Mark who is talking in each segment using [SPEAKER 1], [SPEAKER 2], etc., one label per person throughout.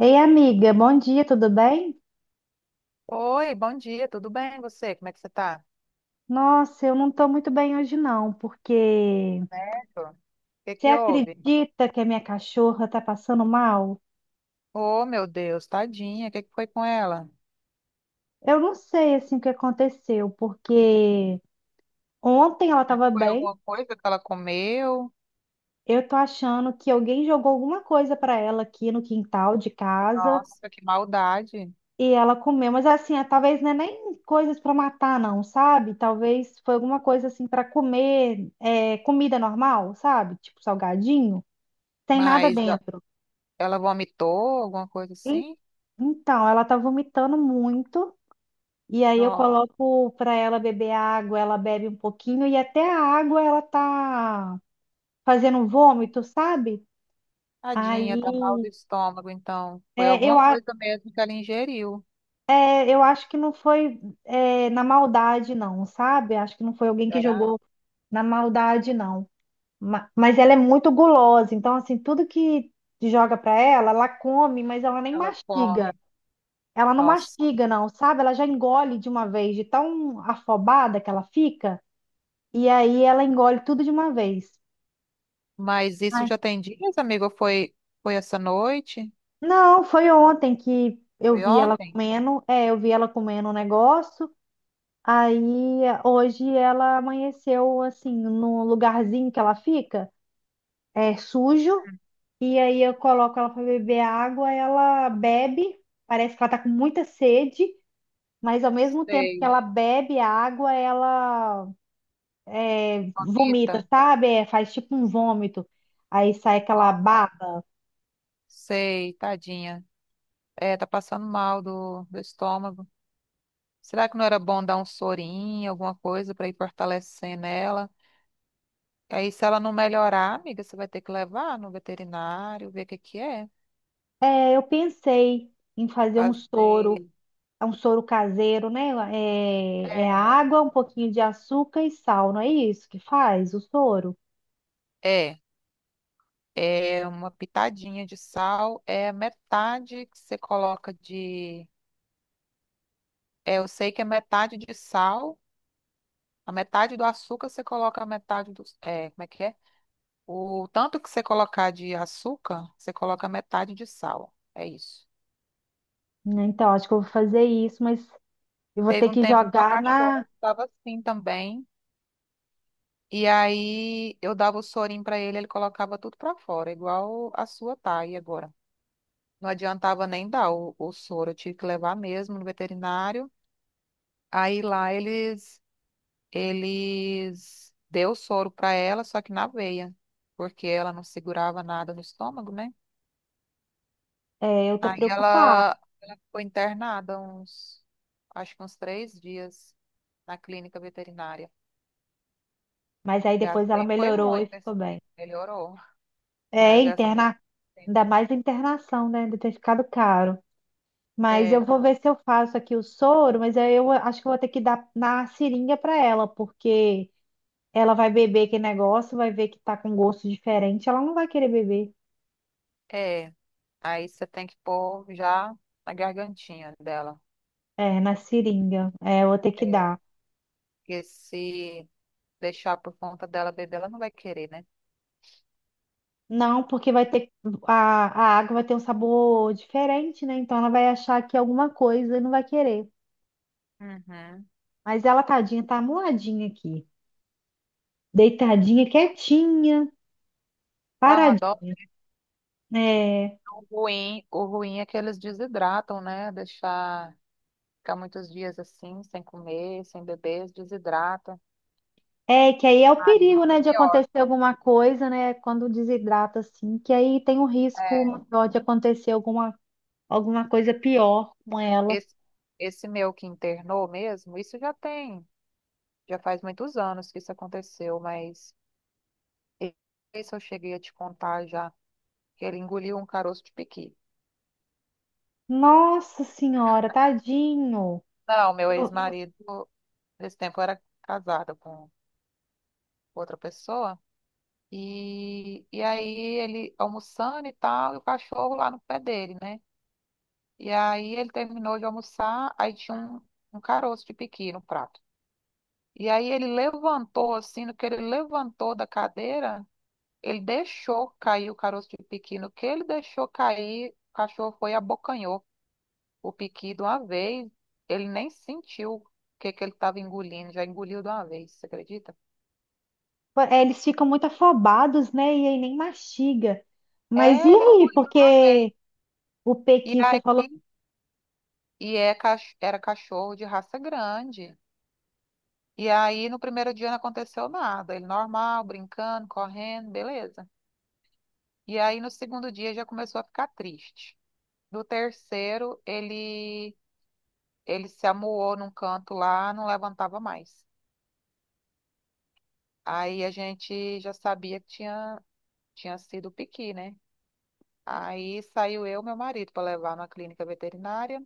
[SPEAKER 1] Ei, amiga, bom dia, tudo bem?
[SPEAKER 2] Oi, bom dia, tudo bem você? Como é que você tá?
[SPEAKER 1] Nossa, eu não tô muito bem hoje não, porque
[SPEAKER 2] Certo. O que
[SPEAKER 1] você
[SPEAKER 2] que houve?
[SPEAKER 1] acredita que a minha cachorra tá passando mal?
[SPEAKER 2] Oh, meu Deus, tadinha, o que que foi com ela?
[SPEAKER 1] Eu não sei assim o que aconteceu, porque ontem ela tava
[SPEAKER 2] Foi
[SPEAKER 1] bem,
[SPEAKER 2] alguma coisa que ela comeu?
[SPEAKER 1] eu tô achando que alguém jogou alguma coisa pra ela aqui no quintal de casa
[SPEAKER 2] Nossa, que maldade.
[SPEAKER 1] e ela comeu, mas assim, talvez não é nem coisas pra matar não, sabe? Talvez foi alguma coisa assim pra comer, comida normal, sabe? Tipo salgadinho, tem nada
[SPEAKER 2] Mas
[SPEAKER 1] dentro.
[SPEAKER 2] ela vomitou, alguma coisa assim?
[SPEAKER 1] Então, ela tá vomitando muito, e aí eu
[SPEAKER 2] Nossa,
[SPEAKER 1] coloco pra ela beber água, ela bebe um pouquinho, e até a água ela tá fazendo vômito, sabe?
[SPEAKER 2] tadinha, tá mal
[SPEAKER 1] Aí,
[SPEAKER 2] do estômago, então. Foi
[SPEAKER 1] é,
[SPEAKER 2] alguma
[SPEAKER 1] eu, a-
[SPEAKER 2] coisa mesmo que ela ingeriu.
[SPEAKER 1] é, eu acho que não foi, na maldade, não, sabe? Acho que não foi alguém que
[SPEAKER 2] Será?
[SPEAKER 1] jogou na maldade, não. Mas ela é muito gulosa, então, assim, tudo que joga pra ela, ela come, mas ela nem
[SPEAKER 2] Ela come.
[SPEAKER 1] mastiga. Ela não
[SPEAKER 2] Nossa.
[SPEAKER 1] mastiga, não, sabe? Ela já engole de uma vez, de tão afobada que ela fica, e aí ela engole tudo de uma vez.
[SPEAKER 2] Mas isso
[SPEAKER 1] Ai,
[SPEAKER 2] já tem dias, amigo? Foi essa noite?
[SPEAKER 1] não, foi ontem que eu
[SPEAKER 2] Foi
[SPEAKER 1] vi ela
[SPEAKER 2] ontem?
[SPEAKER 1] comendo, eu vi ela comendo um negócio, aí hoje ela amanheceu assim, no lugarzinho que ela fica, é sujo, e aí eu coloco ela para beber água, ela bebe, parece que ela tá com muita sede, mas ao mesmo tempo que
[SPEAKER 2] Sei.
[SPEAKER 1] ela bebe a água, ela vomita,
[SPEAKER 2] Bonita.
[SPEAKER 1] sabe? É, faz tipo um vômito, aí sai aquela baba.
[SPEAKER 2] Sei, tadinha. É, tá passando mal do estômago. Será que não era bom dar um sorinho, alguma coisa pra ir fortalecendo ela? Aí, se ela não melhorar, amiga, você vai ter que levar no veterinário, ver o que que é.
[SPEAKER 1] É, eu pensei em fazer um soro,
[SPEAKER 2] Fazer.
[SPEAKER 1] é um soro caseiro, né? É água, um pouquinho de açúcar e sal, não é isso que faz o soro?
[SPEAKER 2] É, é é uma pitadinha de sal, é metade que você coloca de. É, eu sei que é metade de sal, a metade do açúcar você coloca a metade do. É, como é que é? O tanto que você colocar de açúcar, você coloca metade de sal. É isso.
[SPEAKER 1] Né, então, acho que eu vou fazer isso, mas eu vou
[SPEAKER 2] Teve
[SPEAKER 1] ter
[SPEAKER 2] um
[SPEAKER 1] que
[SPEAKER 2] tempo que meu
[SPEAKER 1] jogar na.
[SPEAKER 2] cachorro estava assim também. E aí eu dava o sorinho para ele, ele colocava tudo para fora, igual a sua tá aí agora. Não adiantava nem dar o soro, eu tive que levar mesmo no veterinário. Aí lá eles deu o soro para ela, só que na veia, porque ela não segurava nada no estômago, né?
[SPEAKER 1] É, eu tô
[SPEAKER 2] Aí
[SPEAKER 1] preocupada,
[SPEAKER 2] ela ficou internada uns, acho que uns 3 dias na clínica veterinária.
[SPEAKER 1] mas aí depois ela
[SPEAKER 2] Gastei, foi
[SPEAKER 1] melhorou e
[SPEAKER 2] muito esse
[SPEAKER 1] ficou bem.
[SPEAKER 2] tempo, melhorou, mas
[SPEAKER 1] É,
[SPEAKER 2] eu gastei.
[SPEAKER 1] interna,
[SPEAKER 2] Tempo.
[SPEAKER 1] ainda mais a internação, né? Deve ter ficado caro. Mas
[SPEAKER 2] É,
[SPEAKER 1] eu vou ver se eu faço aqui o soro, mas aí eu acho que eu vou ter que dar na seringa para ela, porque ela vai beber aquele negócio, vai ver que tá com gosto diferente, ela não vai querer beber.
[SPEAKER 2] é, aí você tem que pôr já na gargantinha dela.
[SPEAKER 1] É, na seringa. É, eu vou ter que
[SPEAKER 2] É,
[SPEAKER 1] dar.
[SPEAKER 2] porque se deixar por conta dela beber, ela não vai querer, né?
[SPEAKER 1] Não, porque vai ter a, a água vai ter um sabor diferente, né? Então ela vai achar que é alguma coisa e não vai querer.
[SPEAKER 2] Uhum.
[SPEAKER 1] Mas ela, tadinha, tá amuladinha aqui, deitadinha, quietinha,
[SPEAKER 2] Dá uma dó.
[SPEAKER 1] paradinha. É.
[SPEAKER 2] O ruim é que eles desidratam, né? Deixar ficar muitos dias assim, sem comer, sem beber, eles desidratam.
[SPEAKER 1] É, que aí é o
[SPEAKER 2] Aí
[SPEAKER 1] perigo,
[SPEAKER 2] fica
[SPEAKER 1] né, de
[SPEAKER 2] pior.
[SPEAKER 1] acontecer alguma coisa, né, quando desidrata assim, que aí tem um risco
[SPEAKER 2] É,
[SPEAKER 1] maior de acontecer alguma, alguma coisa pior com ela.
[SPEAKER 2] esse, esse meu que internou mesmo, isso já tem, já faz muitos anos que isso aconteceu, mas e- esse eu cheguei a te contar já, que ele engoliu um caroço de piqui.
[SPEAKER 1] Nossa senhora, tadinho.
[SPEAKER 2] Não, meu
[SPEAKER 1] Eu- eu-
[SPEAKER 2] ex-marido, nesse tempo eu era casada com outra pessoa, e, aí ele almoçando e tal, e o cachorro lá no pé dele, né? E aí ele terminou de almoçar, aí tinha um caroço de piqui no prato. E aí ele levantou, assim, no que ele levantou da cadeira, ele deixou cair o caroço de piqui. No que ele deixou cair, o cachorro foi e abocanhou o piqui de uma vez. Ele nem sentiu o que ele estava engolindo, já engoliu de uma vez, você acredita?
[SPEAKER 1] eles ficam muito afobados, né, e aí nem mastiga. Mas e
[SPEAKER 2] É, ele
[SPEAKER 1] aí,
[SPEAKER 2] engoliu de uma vez.
[SPEAKER 1] porque o
[SPEAKER 2] E
[SPEAKER 1] pequi, você
[SPEAKER 2] aí,
[SPEAKER 1] falou,
[SPEAKER 2] e é, era cachorro de raça grande. E aí, no primeiro dia não aconteceu nada. Ele normal, brincando, correndo, beleza. E aí, no segundo dia, já começou a ficar triste. No terceiro, ele se amuou num canto lá, não levantava mais. Aí a gente já sabia que tinha sido piqui, né? Aí saiu eu e meu marido para levar na clínica veterinária.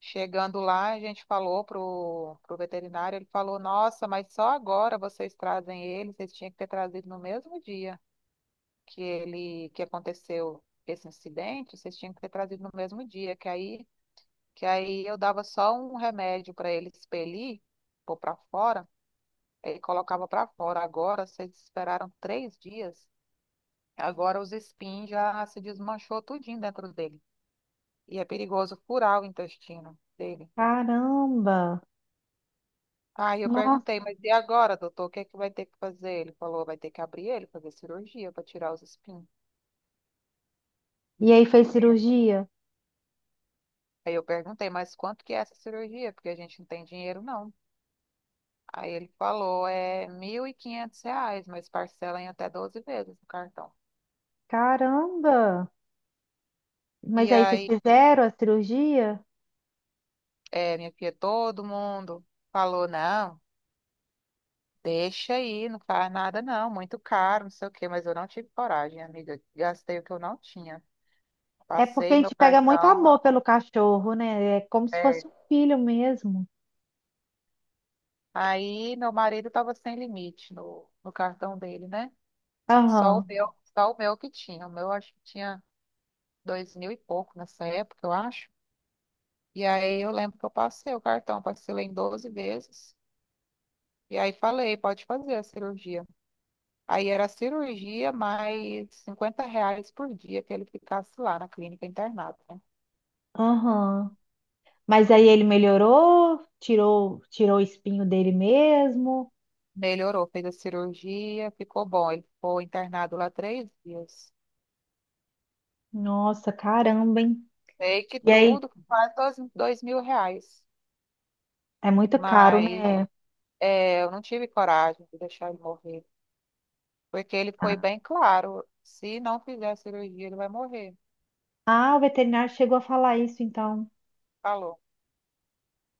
[SPEAKER 2] Chegando lá, a gente falou pro veterinário, ele falou, nossa, mas só agora vocês trazem ele, vocês tinham que ter trazido no mesmo dia que ele que aconteceu esse incidente, vocês tinham que ter trazido no mesmo dia, que aí eu dava só um remédio para ele expelir, pôr para fora e colocava para fora. Agora, vocês esperaram 3 dias, agora os espinhos já se desmanchou tudinho dentro dele. E é perigoso furar o intestino dele.
[SPEAKER 1] caramba,
[SPEAKER 2] Aí eu
[SPEAKER 1] nossa.
[SPEAKER 2] perguntei, mas e agora, doutor, o que é que vai ter que fazer? Ele falou, vai ter que abrir ele, fazer cirurgia para tirar os espinhos.
[SPEAKER 1] E aí fez cirurgia?
[SPEAKER 2] Aí eu perguntei, mas quanto que é essa cirurgia? Porque a gente não tem dinheiro, não. Aí ele falou, é R$ 1.500, mas parcela em até 12 vezes no cartão.
[SPEAKER 1] Caramba. Mas
[SPEAKER 2] E
[SPEAKER 1] aí vocês
[SPEAKER 2] aí,
[SPEAKER 1] fizeram a cirurgia?
[SPEAKER 2] é, minha filha, todo mundo falou, não. Deixa aí, não faz nada não, muito caro, não sei o quê, mas eu não tive coragem, amiga. Gastei o que eu não tinha.
[SPEAKER 1] É porque a
[SPEAKER 2] Passei meu
[SPEAKER 1] gente pega muito
[SPEAKER 2] cartão.
[SPEAKER 1] amor pelo cachorro, né? É como se fosse
[SPEAKER 2] É.
[SPEAKER 1] um filho mesmo.
[SPEAKER 2] Aí meu marido estava sem limite no cartão dele, né?
[SPEAKER 1] Aham,
[SPEAKER 2] Só o meu que tinha. O meu acho que tinha 2 mil e pouco nessa época, eu acho. E aí eu lembro que eu passei o cartão, parcelei em 12 vezes. E aí falei, pode fazer a cirurgia. Aí era a cirurgia mais R$ 50 por dia que ele ficasse lá na clínica internado.
[SPEAKER 1] aham. Mas aí ele melhorou, tirou, tirou o espinho dele mesmo.
[SPEAKER 2] Melhorou, fez a cirurgia, ficou bom. Ele ficou internado lá 3 dias.
[SPEAKER 1] Nossa, caramba, hein?
[SPEAKER 2] Sei que
[SPEAKER 1] E aí,
[SPEAKER 2] tudo, quase dois mil reais.
[SPEAKER 1] é muito caro,
[SPEAKER 2] Mas
[SPEAKER 1] né?
[SPEAKER 2] é, eu não tive coragem de deixar ele morrer. Porque ele foi bem claro, se não fizer a cirurgia, ele vai morrer.
[SPEAKER 1] Ah, o veterinário chegou a falar isso, então.
[SPEAKER 2] Falou.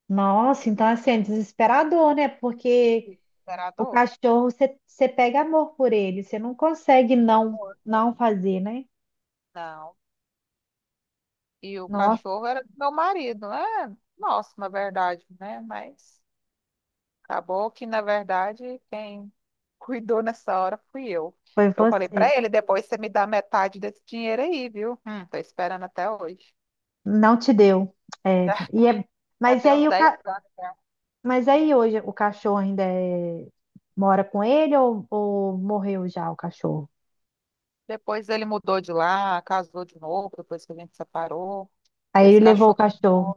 [SPEAKER 1] Nossa, então assim, é desesperador, né? Porque
[SPEAKER 2] Era
[SPEAKER 1] o
[SPEAKER 2] dor.
[SPEAKER 1] cachorro, você pega amor por ele, você não consegue
[SPEAKER 2] De
[SPEAKER 1] não,
[SPEAKER 2] amor.
[SPEAKER 1] não fazer, né?
[SPEAKER 2] Não. E o
[SPEAKER 1] Nossa,
[SPEAKER 2] cachorro era do meu marido, né? Nossa, na verdade, né? Mas acabou que, na verdade, quem cuidou nessa hora fui eu.
[SPEAKER 1] foi
[SPEAKER 2] Eu falei
[SPEAKER 1] você.
[SPEAKER 2] pra ele, depois você me dá metade desse dinheiro aí, viu? Tô esperando até hoje.
[SPEAKER 1] Não te deu. É, e é,
[SPEAKER 2] Já
[SPEAKER 1] mas e
[SPEAKER 2] tem uns
[SPEAKER 1] aí
[SPEAKER 2] 10 anos.
[SPEAKER 1] mas aí hoje o cachorro ainda mora com ele ou morreu já o cachorro?
[SPEAKER 2] Depois ele mudou de lá, casou de novo, depois que a gente separou.
[SPEAKER 1] Aí
[SPEAKER 2] Esse
[SPEAKER 1] ele levou o
[SPEAKER 2] cachorro
[SPEAKER 1] cachorro.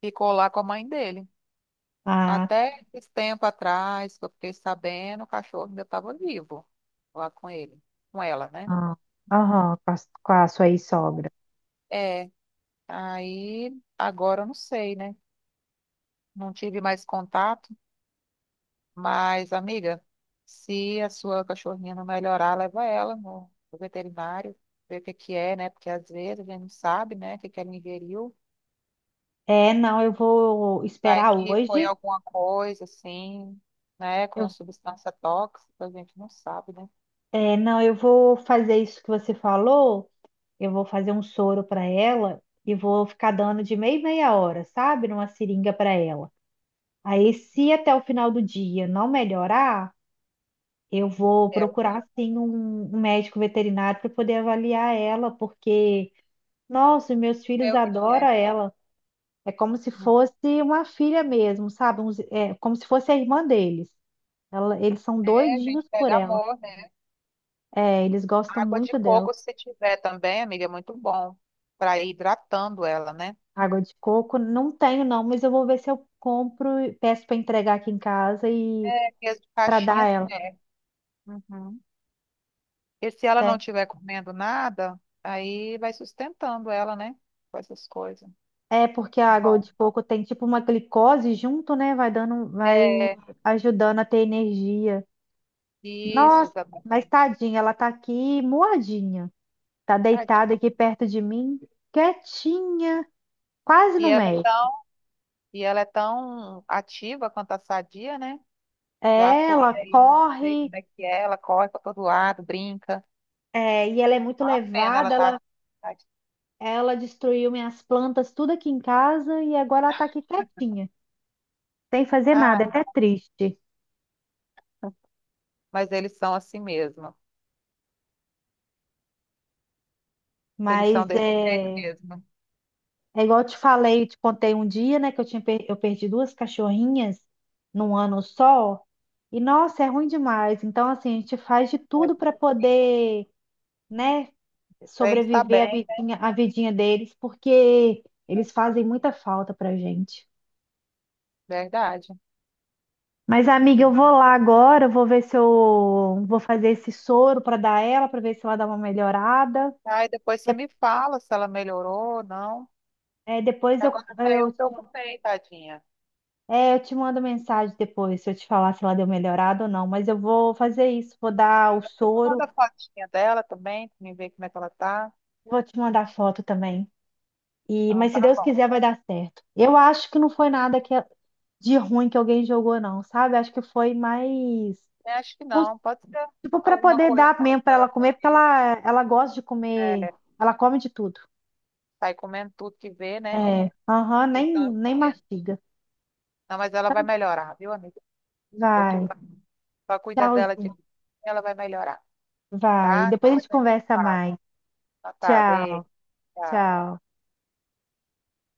[SPEAKER 2] ficou lá com a mãe dele.
[SPEAKER 1] Ah,
[SPEAKER 2] Até esse tempo atrás, que eu fiquei sabendo, o cachorro ainda estava vivo lá com ele, com ela, né?
[SPEAKER 1] ah, aham, com a sua sogra.
[SPEAKER 2] É, aí agora eu não sei, né? Não tive mais contato. Mas, amiga, se a sua cachorrinha não melhorar, leva ela no veterinário, ver o que que é, né? Porque às vezes a gente não sabe, né, o que que ela ingeriu.
[SPEAKER 1] É, não, eu vou
[SPEAKER 2] Vai
[SPEAKER 1] esperar
[SPEAKER 2] que foi
[SPEAKER 1] hoje.
[SPEAKER 2] alguma coisa, assim, né, com a
[SPEAKER 1] Eu-
[SPEAKER 2] substância tóxica, a gente não sabe, né?
[SPEAKER 1] não, eu vou fazer isso que você falou. Eu vou fazer um soro para ela e vou ficar dando de meia em meia hora, sabe? Numa seringa para ela. Aí, se até o final do dia não melhorar, eu vou
[SPEAKER 2] É, aí você
[SPEAKER 1] procurar sim um médico veterinário para poder avaliar ela, porque, nossa, meus
[SPEAKER 2] vê
[SPEAKER 1] filhos
[SPEAKER 2] o que que é.
[SPEAKER 1] adoram ela. É como se fosse uma filha mesmo, sabe? É como se fosse a irmã deles. Eles são
[SPEAKER 2] É, a gente
[SPEAKER 1] doidinhos por
[SPEAKER 2] pega
[SPEAKER 1] ela.
[SPEAKER 2] amor, né?
[SPEAKER 1] É, eles gostam
[SPEAKER 2] Água de
[SPEAKER 1] muito dela.
[SPEAKER 2] coco, se tiver também, amiga, é muito bom para ir hidratando ela, né?
[SPEAKER 1] Água de coco, não tenho não, mas eu vou ver se eu compro, e peço para entregar aqui em casa e
[SPEAKER 2] É, porque as de
[SPEAKER 1] para dar
[SPEAKER 2] caixinha,
[SPEAKER 1] a ela.
[SPEAKER 2] assim, é. Uhum. E se ela não
[SPEAKER 1] Tem.
[SPEAKER 2] estiver comendo nada, aí vai sustentando ela, né? Com essas coisas.
[SPEAKER 1] É porque a água
[SPEAKER 2] Bom,
[SPEAKER 1] de coco tem tipo uma glicose junto, né? Vai dando, vai
[SPEAKER 2] é
[SPEAKER 1] ajudando a ter energia.
[SPEAKER 2] isso,
[SPEAKER 1] Nossa, mas
[SPEAKER 2] exatamente.
[SPEAKER 1] tadinha, ela tá aqui moadinha. Tá deitada
[SPEAKER 2] Tadinha.
[SPEAKER 1] aqui perto de mim, quietinha, quase
[SPEAKER 2] E
[SPEAKER 1] no
[SPEAKER 2] ela é
[SPEAKER 1] meio.
[SPEAKER 2] tão, e ela é tão ativa quanto a sadia, né? Já
[SPEAKER 1] É,
[SPEAKER 2] fui
[SPEAKER 1] ela
[SPEAKER 2] aí, sei
[SPEAKER 1] corre,
[SPEAKER 2] como é que é, ela corre para todo lado, brinca.
[SPEAKER 1] e ela é muito
[SPEAKER 2] É uma pena ela
[SPEAKER 1] levada,
[SPEAKER 2] tá.
[SPEAKER 1] ela destruiu minhas plantas, tudo aqui em casa, e agora ela tá aqui quietinha, sem fazer nada, é
[SPEAKER 2] Ah,
[SPEAKER 1] até triste.
[SPEAKER 2] mas eles são assim mesmo. Eles são
[SPEAKER 1] Mas
[SPEAKER 2] desse jeito
[SPEAKER 1] é.
[SPEAKER 2] mesmo.
[SPEAKER 1] É igual eu te falei, eu te contei um dia, né, que eu tinha eu perdi duas cachorrinhas num ano só. E nossa, é ruim demais. Então, assim, a gente faz de
[SPEAKER 2] É,
[SPEAKER 1] tudo para
[SPEAKER 2] fica ruim.
[SPEAKER 1] poder, né,
[SPEAKER 2] Pra eles tá
[SPEAKER 1] sobreviver
[SPEAKER 2] bem,
[SPEAKER 1] a vidinha deles, porque
[SPEAKER 2] é
[SPEAKER 1] eles fazem muita falta pra gente.
[SPEAKER 2] verdade.
[SPEAKER 1] Mas, amiga, eu vou lá agora, eu vou ver se eu vou fazer esse soro para dar ela, para ver se ela dá uma melhorada.
[SPEAKER 2] Aí depois você
[SPEAKER 1] De-
[SPEAKER 2] me fala se ela melhorou ou não.
[SPEAKER 1] é, depois
[SPEAKER 2] Agora até eu
[SPEAKER 1] eu te
[SPEAKER 2] preocupei, tadinha.
[SPEAKER 1] É, eu te mando mensagem depois, se eu te falar se ela deu melhorada ou não, mas eu vou fazer isso, vou dar o
[SPEAKER 2] Eu manda
[SPEAKER 1] soro,
[SPEAKER 2] a fotinha dela também, pra mim ver como é que ela tá.
[SPEAKER 1] vou te mandar foto também. E,
[SPEAKER 2] Então
[SPEAKER 1] mas se
[SPEAKER 2] tá
[SPEAKER 1] Deus
[SPEAKER 2] bom.
[SPEAKER 1] quiser, vai dar certo. Eu acho que não foi nada que, de ruim que alguém jogou, não, sabe? Acho que foi mais,
[SPEAKER 2] Eu acho que
[SPEAKER 1] uns-
[SPEAKER 2] não. Pode ser
[SPEAKER 1] tipo, para
[SPEAKER 2] alguma
[SPEAKER 1] poder
[SPEAKER 2] coisa
[SPEAKER 1] dar
[SPEAKER 2] que
[SPEAKER 1] mesmo para ela
[SPEAKER 2] ela
[SPEAKER 1] comer, porque
[SPEAKER 2] vê.
[SPEAKER 1] ela gosta de comer,
[SPEAKER 2] É,
[SPEAKER 1] ela come de tudo.
[SPEAKER 2] sai comendo tudo que vê, né?
[SPEAKER 1] É, aham, nem,
[SPEAKER 2] Então,
[SPEAKER 1] nem
[SPEAKER 2] assim,
[SPEAKER 1] mastiga.
[SPEAKER 2] não, mas ela vai
[SPEAKER 1] Então,
[SPEAKER 2] melhorar, viu, amiga? Não se
[SPEAKER 1] vai,
[SPEAKER 2] preocupa. Não. Só cuida dela de
[SPEAKER 1] tchauzinho,
[SPEAKER 2] ela vai melhorar,
[SPEAKER 1] vai.
[SPEAKER 2] tá?
[SPEAKER 1] Depois a
[SPEAKER 2] Depois
[SPEAKER 1] gente
[SPEAKER 2] a gente
[SPEAKER 1] conversa
[SPEAKER 2] fala.
[SPEAKER 1] mais.
[SPEAKER 2] Tá, tá, beijo.
[SPEAKER 1] Tchau,
[SPEAKER 2] Tchau.
[SPEAKER 1] tchau.